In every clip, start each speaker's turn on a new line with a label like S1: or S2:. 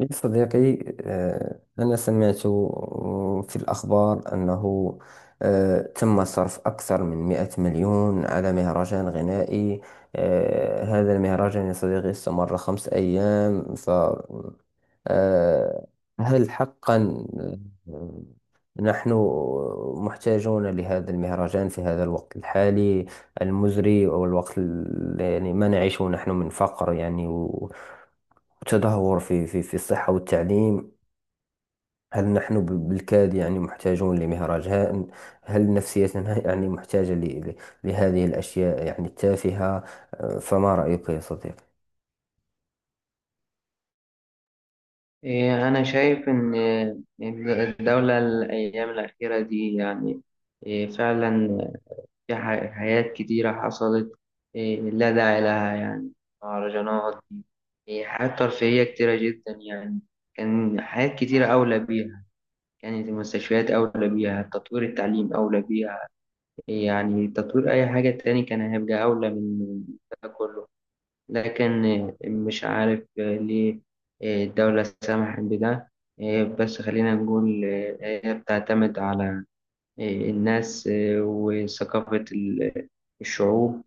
S1: يا صديقي، أنا سمعت في الأخبار أنه تم صرف أكثر من 100 مليون على مهرجان غنائي. هذا المهرجان يا صديقي استمر 5 أيام. ف آه، هل حقا آه، نحن محتاجون لهذا المهرجان في هذا الوقت الحالي المزري والوقت يعني ما نعيشه نحن من فقر؟ يعني وتدهور في الصحة والتعليم. هل نحن بالكاد يعني محتاجون هل نفسيتنا يعني محتاجة لهذه الأشياء يعني التافهة؟ فما رأيك يا صديقي؟
S2: إيه، أنا شايف إن الدولة الأيام الأخيرة دي يعني إيه، فعلا في حاجات كتيرة حصلت. إيه، لا داعي لها، يعني مهرجانات دي. إيه، حاجات ترفيهية كتيرة جدا، يعني كان حاجات كتيرة أولى بيها. كانت المستشفيات أولى بيها، تطوير التعليم أولى بيها. إيه، يعني تطوير أي حاجة تاني كان هيبقى أولى من ده كله. لكن مش عارف ليه الدولة سمحت بده. بس خلينا نقول هي بتعتمد على الناس وثقافة الشعوب،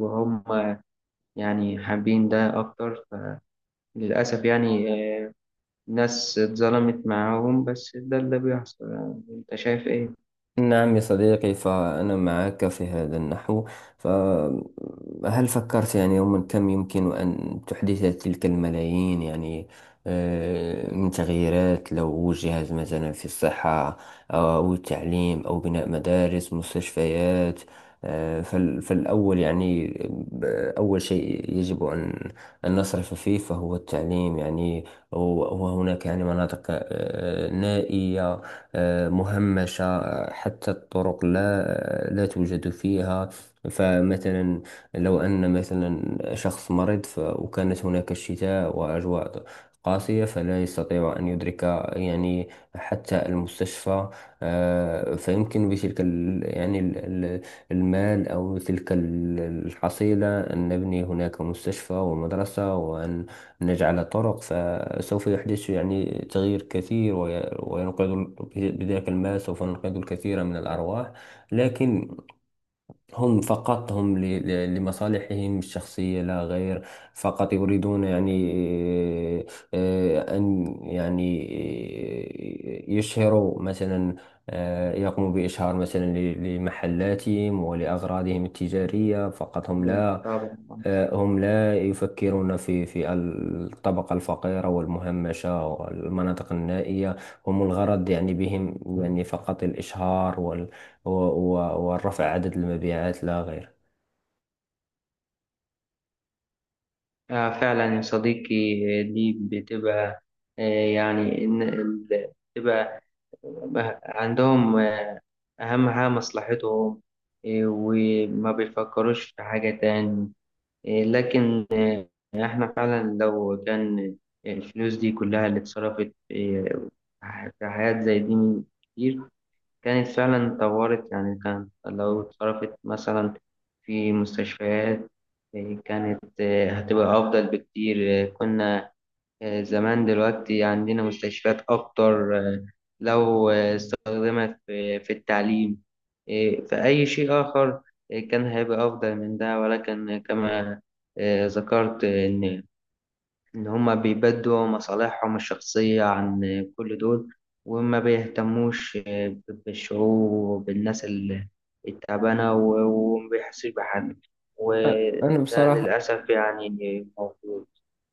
S2: وهم يعني حابين ده أكتر. فللأسف يعني ناس اتظلمت معاهم، بس ده اللي بيحصل. يعني أنت شايف إيه؟
S1: نعم يا صديقي، فأنا معك في هذا النحو. فهل فكرت يعني يوما كم يمكن أن تحدث تلك الملايين، يعني من تغييرات لو وجهت مثلا في الصحة، أو التعليم أو بناء مدارس مستشفيات؟ فالأول يعني، ب- أول شيء يجب أن نصرف فيه فهو التعليم، يعني و- وهناك يعني مناطق نائية، مهمشة. حتى الطرق لا توجد فيها. فمثلا لو أن مثلا شخص مريض، وكانت هناك الشتاء وأجواء قاسية، فلا يستطيع أن يدرك يعني حتى المستشفى. فيمكن بتلك ال- المال أو تلك الحصيلة أن نبني هناك مستشفى ومدرسة، وأن نجعل طرق. سوف يحدث يعني تغيير كثير، وينقذ بذلك الماء سوف ننقذ الكثير من الأرواح. لكن هم، فقط هم لمصالحهم الشخصية لا غير. فقط يريدون يعني أن يعني يشهروا مثلا، يقوموا بإشهار مثلا لمحلاتهم ولأغراضهم التجارية فقط.
S2: ده طبعا.
S1: هم لا يفكرون في الطبقة الفقيرة والمهمشة والمناطق النائية. هم الغرض يعني بهم يعني فقط الإشهار والرفع عدد المبيعات لا غير.
S2: آه فعلا يا صديقي. دي بتبقى، آه، يعني بتبقى بقى عندهم، آه، أهم حاجة مصلحتهم. آه، وما بيفكروش في حاجة تاني. آه، لكن آه، إحنا فعلا لو كان الفلوس دي كلها اللي اتصرفت، آه، في حاجات زي دي من كتير، كانت فعلا طورت، يعني كان لو اتصرفت مثلا في مستشفيات، آه، كانت آه، هتبقى أفضل بكتير. آه، كنا آه، زمان دلوقتي عندنا مستشفيات أكتر. آه، لو آه، استخدمت في التعليم، آه، في أي شيء آخر، آه، كان هيبقى أفضل من ده. ولكن كما آه، ذكرت آه، إن هما بيبدوا مصالحهم الشخصية عن آه، كل دول، وما بيهتموش آه، بالشعوب وبالناس التعبانة، وما بيحسش بحد،
S1: أ- أنا
S2: وده
S1: بصراحة.
S2: للأسف يعني موجود.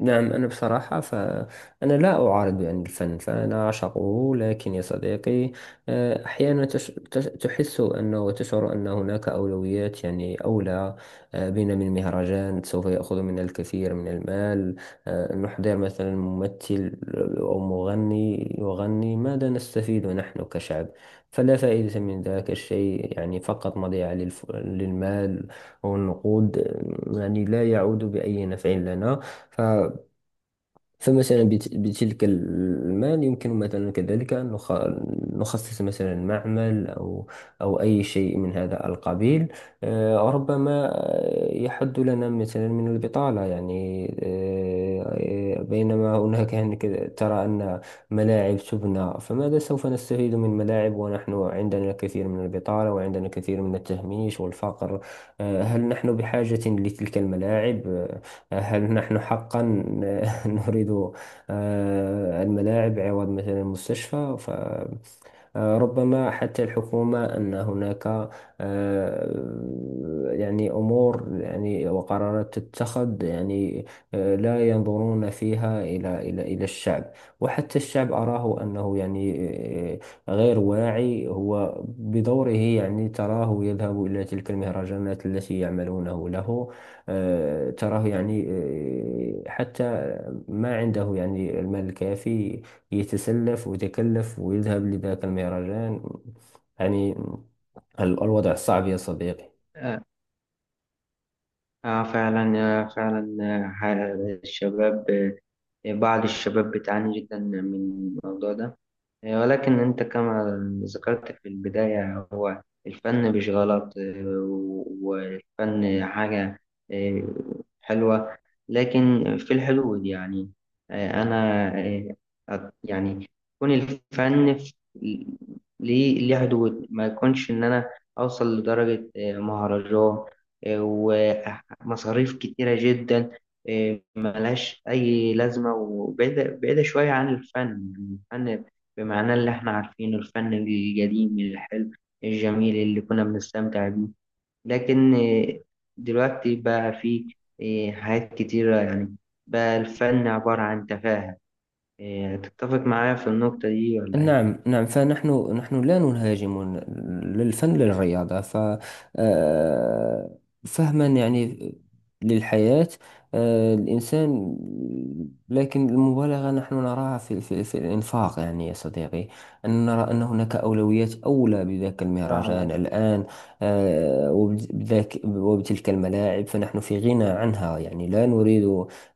S1: نعم، أنا بصراحة فأنا لا أعارض يعني الفن، فأنا أعشقه. لكن يا صديقي، أحيانا تحس أنه وتشعر أن هناك أولويات يعني أولى بنا من مهرجان سوف يأخذ منا الكثير من المال. نحضر مثلا ممثل أو مغني يغني. ماذا نستفيد نحن كشعب؟ فلا فائدة من ذاك الشيء، يعني فقط مضيعة للمال والنقود. يعني لا يعود بأي نفع لنا. ف فمثلا بتلك المال يمكن مثلا كذلك أن نخصص مثلا معمل أو أي شيء من هذا القبيل. ربما يحد لنا مثلا من البطالة، يعني بينما ترى أن ملاعب تبنى، فماذا سوف نستفيد من ملاعب ونحن عندنا الكثير من البطالة وعندنا الكثير من التهميش والفقر؟ هل نحن بحاجة لتلك الملاعب؟ هل نحن حقا نريد الملاعب عوض مثلا المستشفى؟ ف آه، ربما حتى الحكومة أن هناك يعني أمور، يعني وقرارات تتخذ. يعني لا ينظرون فيها إلى الشعب. وحتى الشعب أراه أنه يعني آه، غير واعي، هو بدوره يعني تراه يذهب إلى تلك المهرجانات التي يعملونه له. تراه يعني حتى ما عنده يعني المال الكافي، يتسلف ويتكلف ويذهب لذاك المهرجان. يعني الوضع صعب يا صديقي.
S2: آه فعلا آه فعلا آه الشباب، آه بعض الشباب بتعاني جدا من الموضوع ده. إيه، ولكن أنت كما ذكرت في البداية، هو الفن مش غلط. آه، والفن حاجة، آه، حلوة، لكن في الحدود، يعني آه، أنا آه، يعني يكون الفن ليه حدود. ما يكونش إن أنا أوصل لدرجة آه، مهرجان آه، ومصاريف كتيرة جدا، آه، ملهاش أي لازمة، وبعيدة بعيدة شوية عن الفن. يعني الفن بمعناه اللي احنا عارفينه، الفن القديم الحلو الجميل اللي كنا بنستمتع بيه. لكن آه، دلوقتي بقى في آه، حاجات كتيرة، يعني بقى الفن عبارة عن تفاهة. آه، تتفق معايا في النقطة دي ولا ايه؟
S1: نعم، نعم، فنحن لا نهاجم للفن للرياضة. ف آه، فهما يعني للحياة الإنسان. لكن المبالغة نحن نراها في الإنفاق، يعني يا صديقي، أن نرى أن هناك أولويات أولى بذاك المهرجان
S2: فعلا،
S1: الآن. بذاك وبتلك الملاعب فنحن في غنى عنها، يعني لا نريد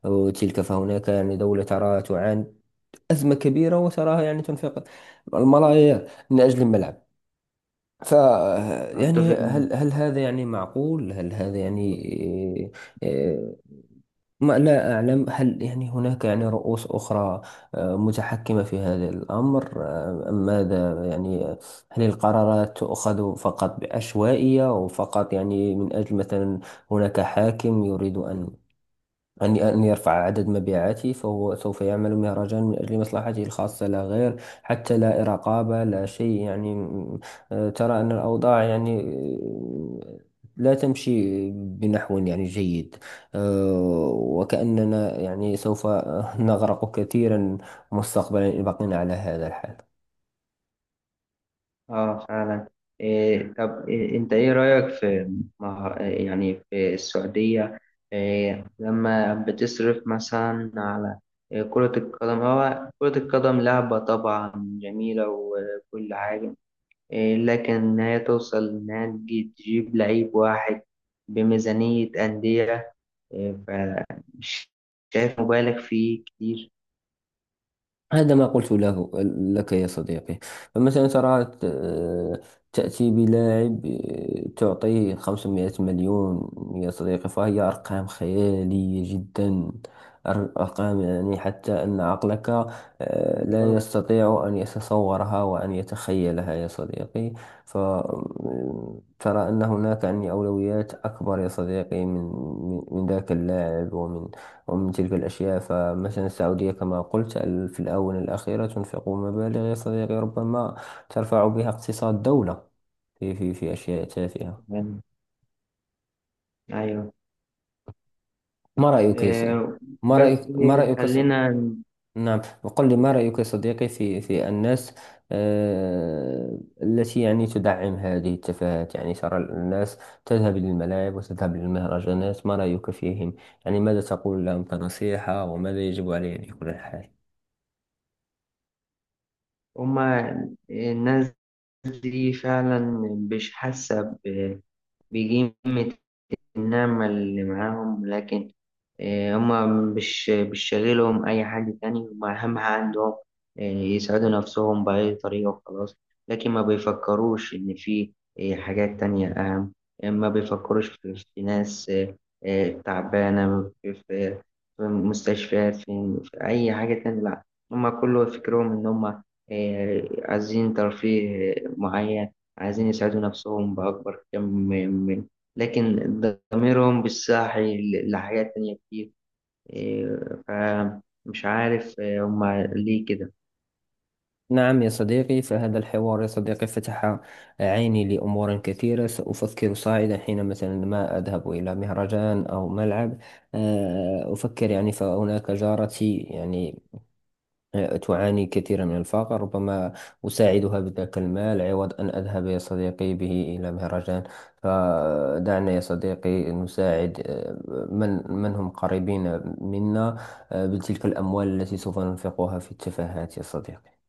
S1: تلك. فهناك يعني دولة ترى تعاني أزمة كبيرة، وتراها يعني تنفق الملايير من أجل الملعب. ف يعني
S2: أتفق معاك.
S1: هل هذا يعني معقول؟ هل هذا يعني إيه، ما لا أعلم. هل يعني هناك يعني رؤوس أخرى متحكمة في هذا الأمر، أم ماذا؟ يعني هل القرارات تؤخذ فقط بعشوائية، وفقط يعني من أجل مثلا هناك حاكم يريد أن يرفع عدد مبيعاته فهو سوف يعمل مهرجان من أجل مصلحته الخاصة لا غير؟ حتى لا رقابة، لا شيء يعني. ترى أن الأوضاع يعني لا تمشي بنحو يعني جيد. وكأننا يعني سوف نغرق كثيرا مستقبلا إن بقينا على هذا الحال.
S2: اه فعلا. إيه طب، إيه انت ايه رأيك في يعني في السعودية؟ إيه لما بتصرف مثلا على إيه كرة القدم. هو كرة القدم لعبة طبعا جميلة وكل حاجة، إيه، لكن إن هي توصل إنها تجيب لعيب واحد بميزانية أندية، إيه، فمش شايف مبالغ فيه كتير؟
S1: هذا ما قلت له، لك يا صديقي. فمثلا ترى تأتي بلاعب، تعطيه 500 مليون يا صديقي. فهي أرقام خيالية جدا. أر- أرقام يعني حتى أن عقلك لا
S2: بالظبط.
S1: يستطيع أن يتصورها وأن يتخيلها يا صديقي. فترى أن هناك يعني أولويات أكبر يا صديقي، من ذاك اللاعب، ومن تلك الأشياء. فمثلا السعودية، كما قلت، في الآونة الأخيرة تنفق مبالغ يا صديقي ربما ترفع بها اقتصاد دولة، في أشياء تافهة.
S2: يعني أيوه.
S1: ما رأيك يا ص-
S2: إيه
S1: ما
S2: بس
S1: رأيك ما رأيك ص-
S2: خلينا.
S1: نعم، وقل لي ما رأيك يا صديقي في الناس التي يعني تدعم هذه التفاهات، يعني ترى الناس تذهب للملاعب وتذهب للمهرجانات. ما رأيك فيهم؟ يعني ماذا تقول لهم كنصيحة، وماذا يجب عليه في كل الحال؟
S2: هما الناس دي فعلا مش حاسة بقيمة النعمة اللي معاهم. لكن آه، هما مش شاغلهم أي حاجة تاني. هما أهم حاجة عندهم، آه، يسعدوا نفسهم بأي طريقة وخلاص. لكن ما بيفكروش إن في آه، حاجات تانية أهم. آه، ما بيفكروش في ناس، آه، آه، تعبانة في مستشفيات، في أي حاجة تانية، لأ. هما كله فكرهم إن هما آه، عايزين ترفيه آه، معين. عايزين يسعدوا نفسهم بأكبر كم. لكن ضميرهم بالساعي لحاجات تانية كتير. إيه، فمش عارف إيه، هما ليه كده.
S1: نعم يا صديقي، فهذا الحوار يا صديقي فتح عيني لأمور كثيرة. سأفكر صاعدا حين مثلا ما أذهب إلى مهرجان أو ملعب، أفكر يعني فهناك جارتي يعني تعاني كثيرا من الفقر، ربما أساعدها بذاك المال عوض أن أذهب يا صديقي به إلى مهرجان. فدعنا يا صديقي نساعد، من هم قريبين منا، بتلك الأموال التي سوف ننفقها في التفاهات يا صديقي.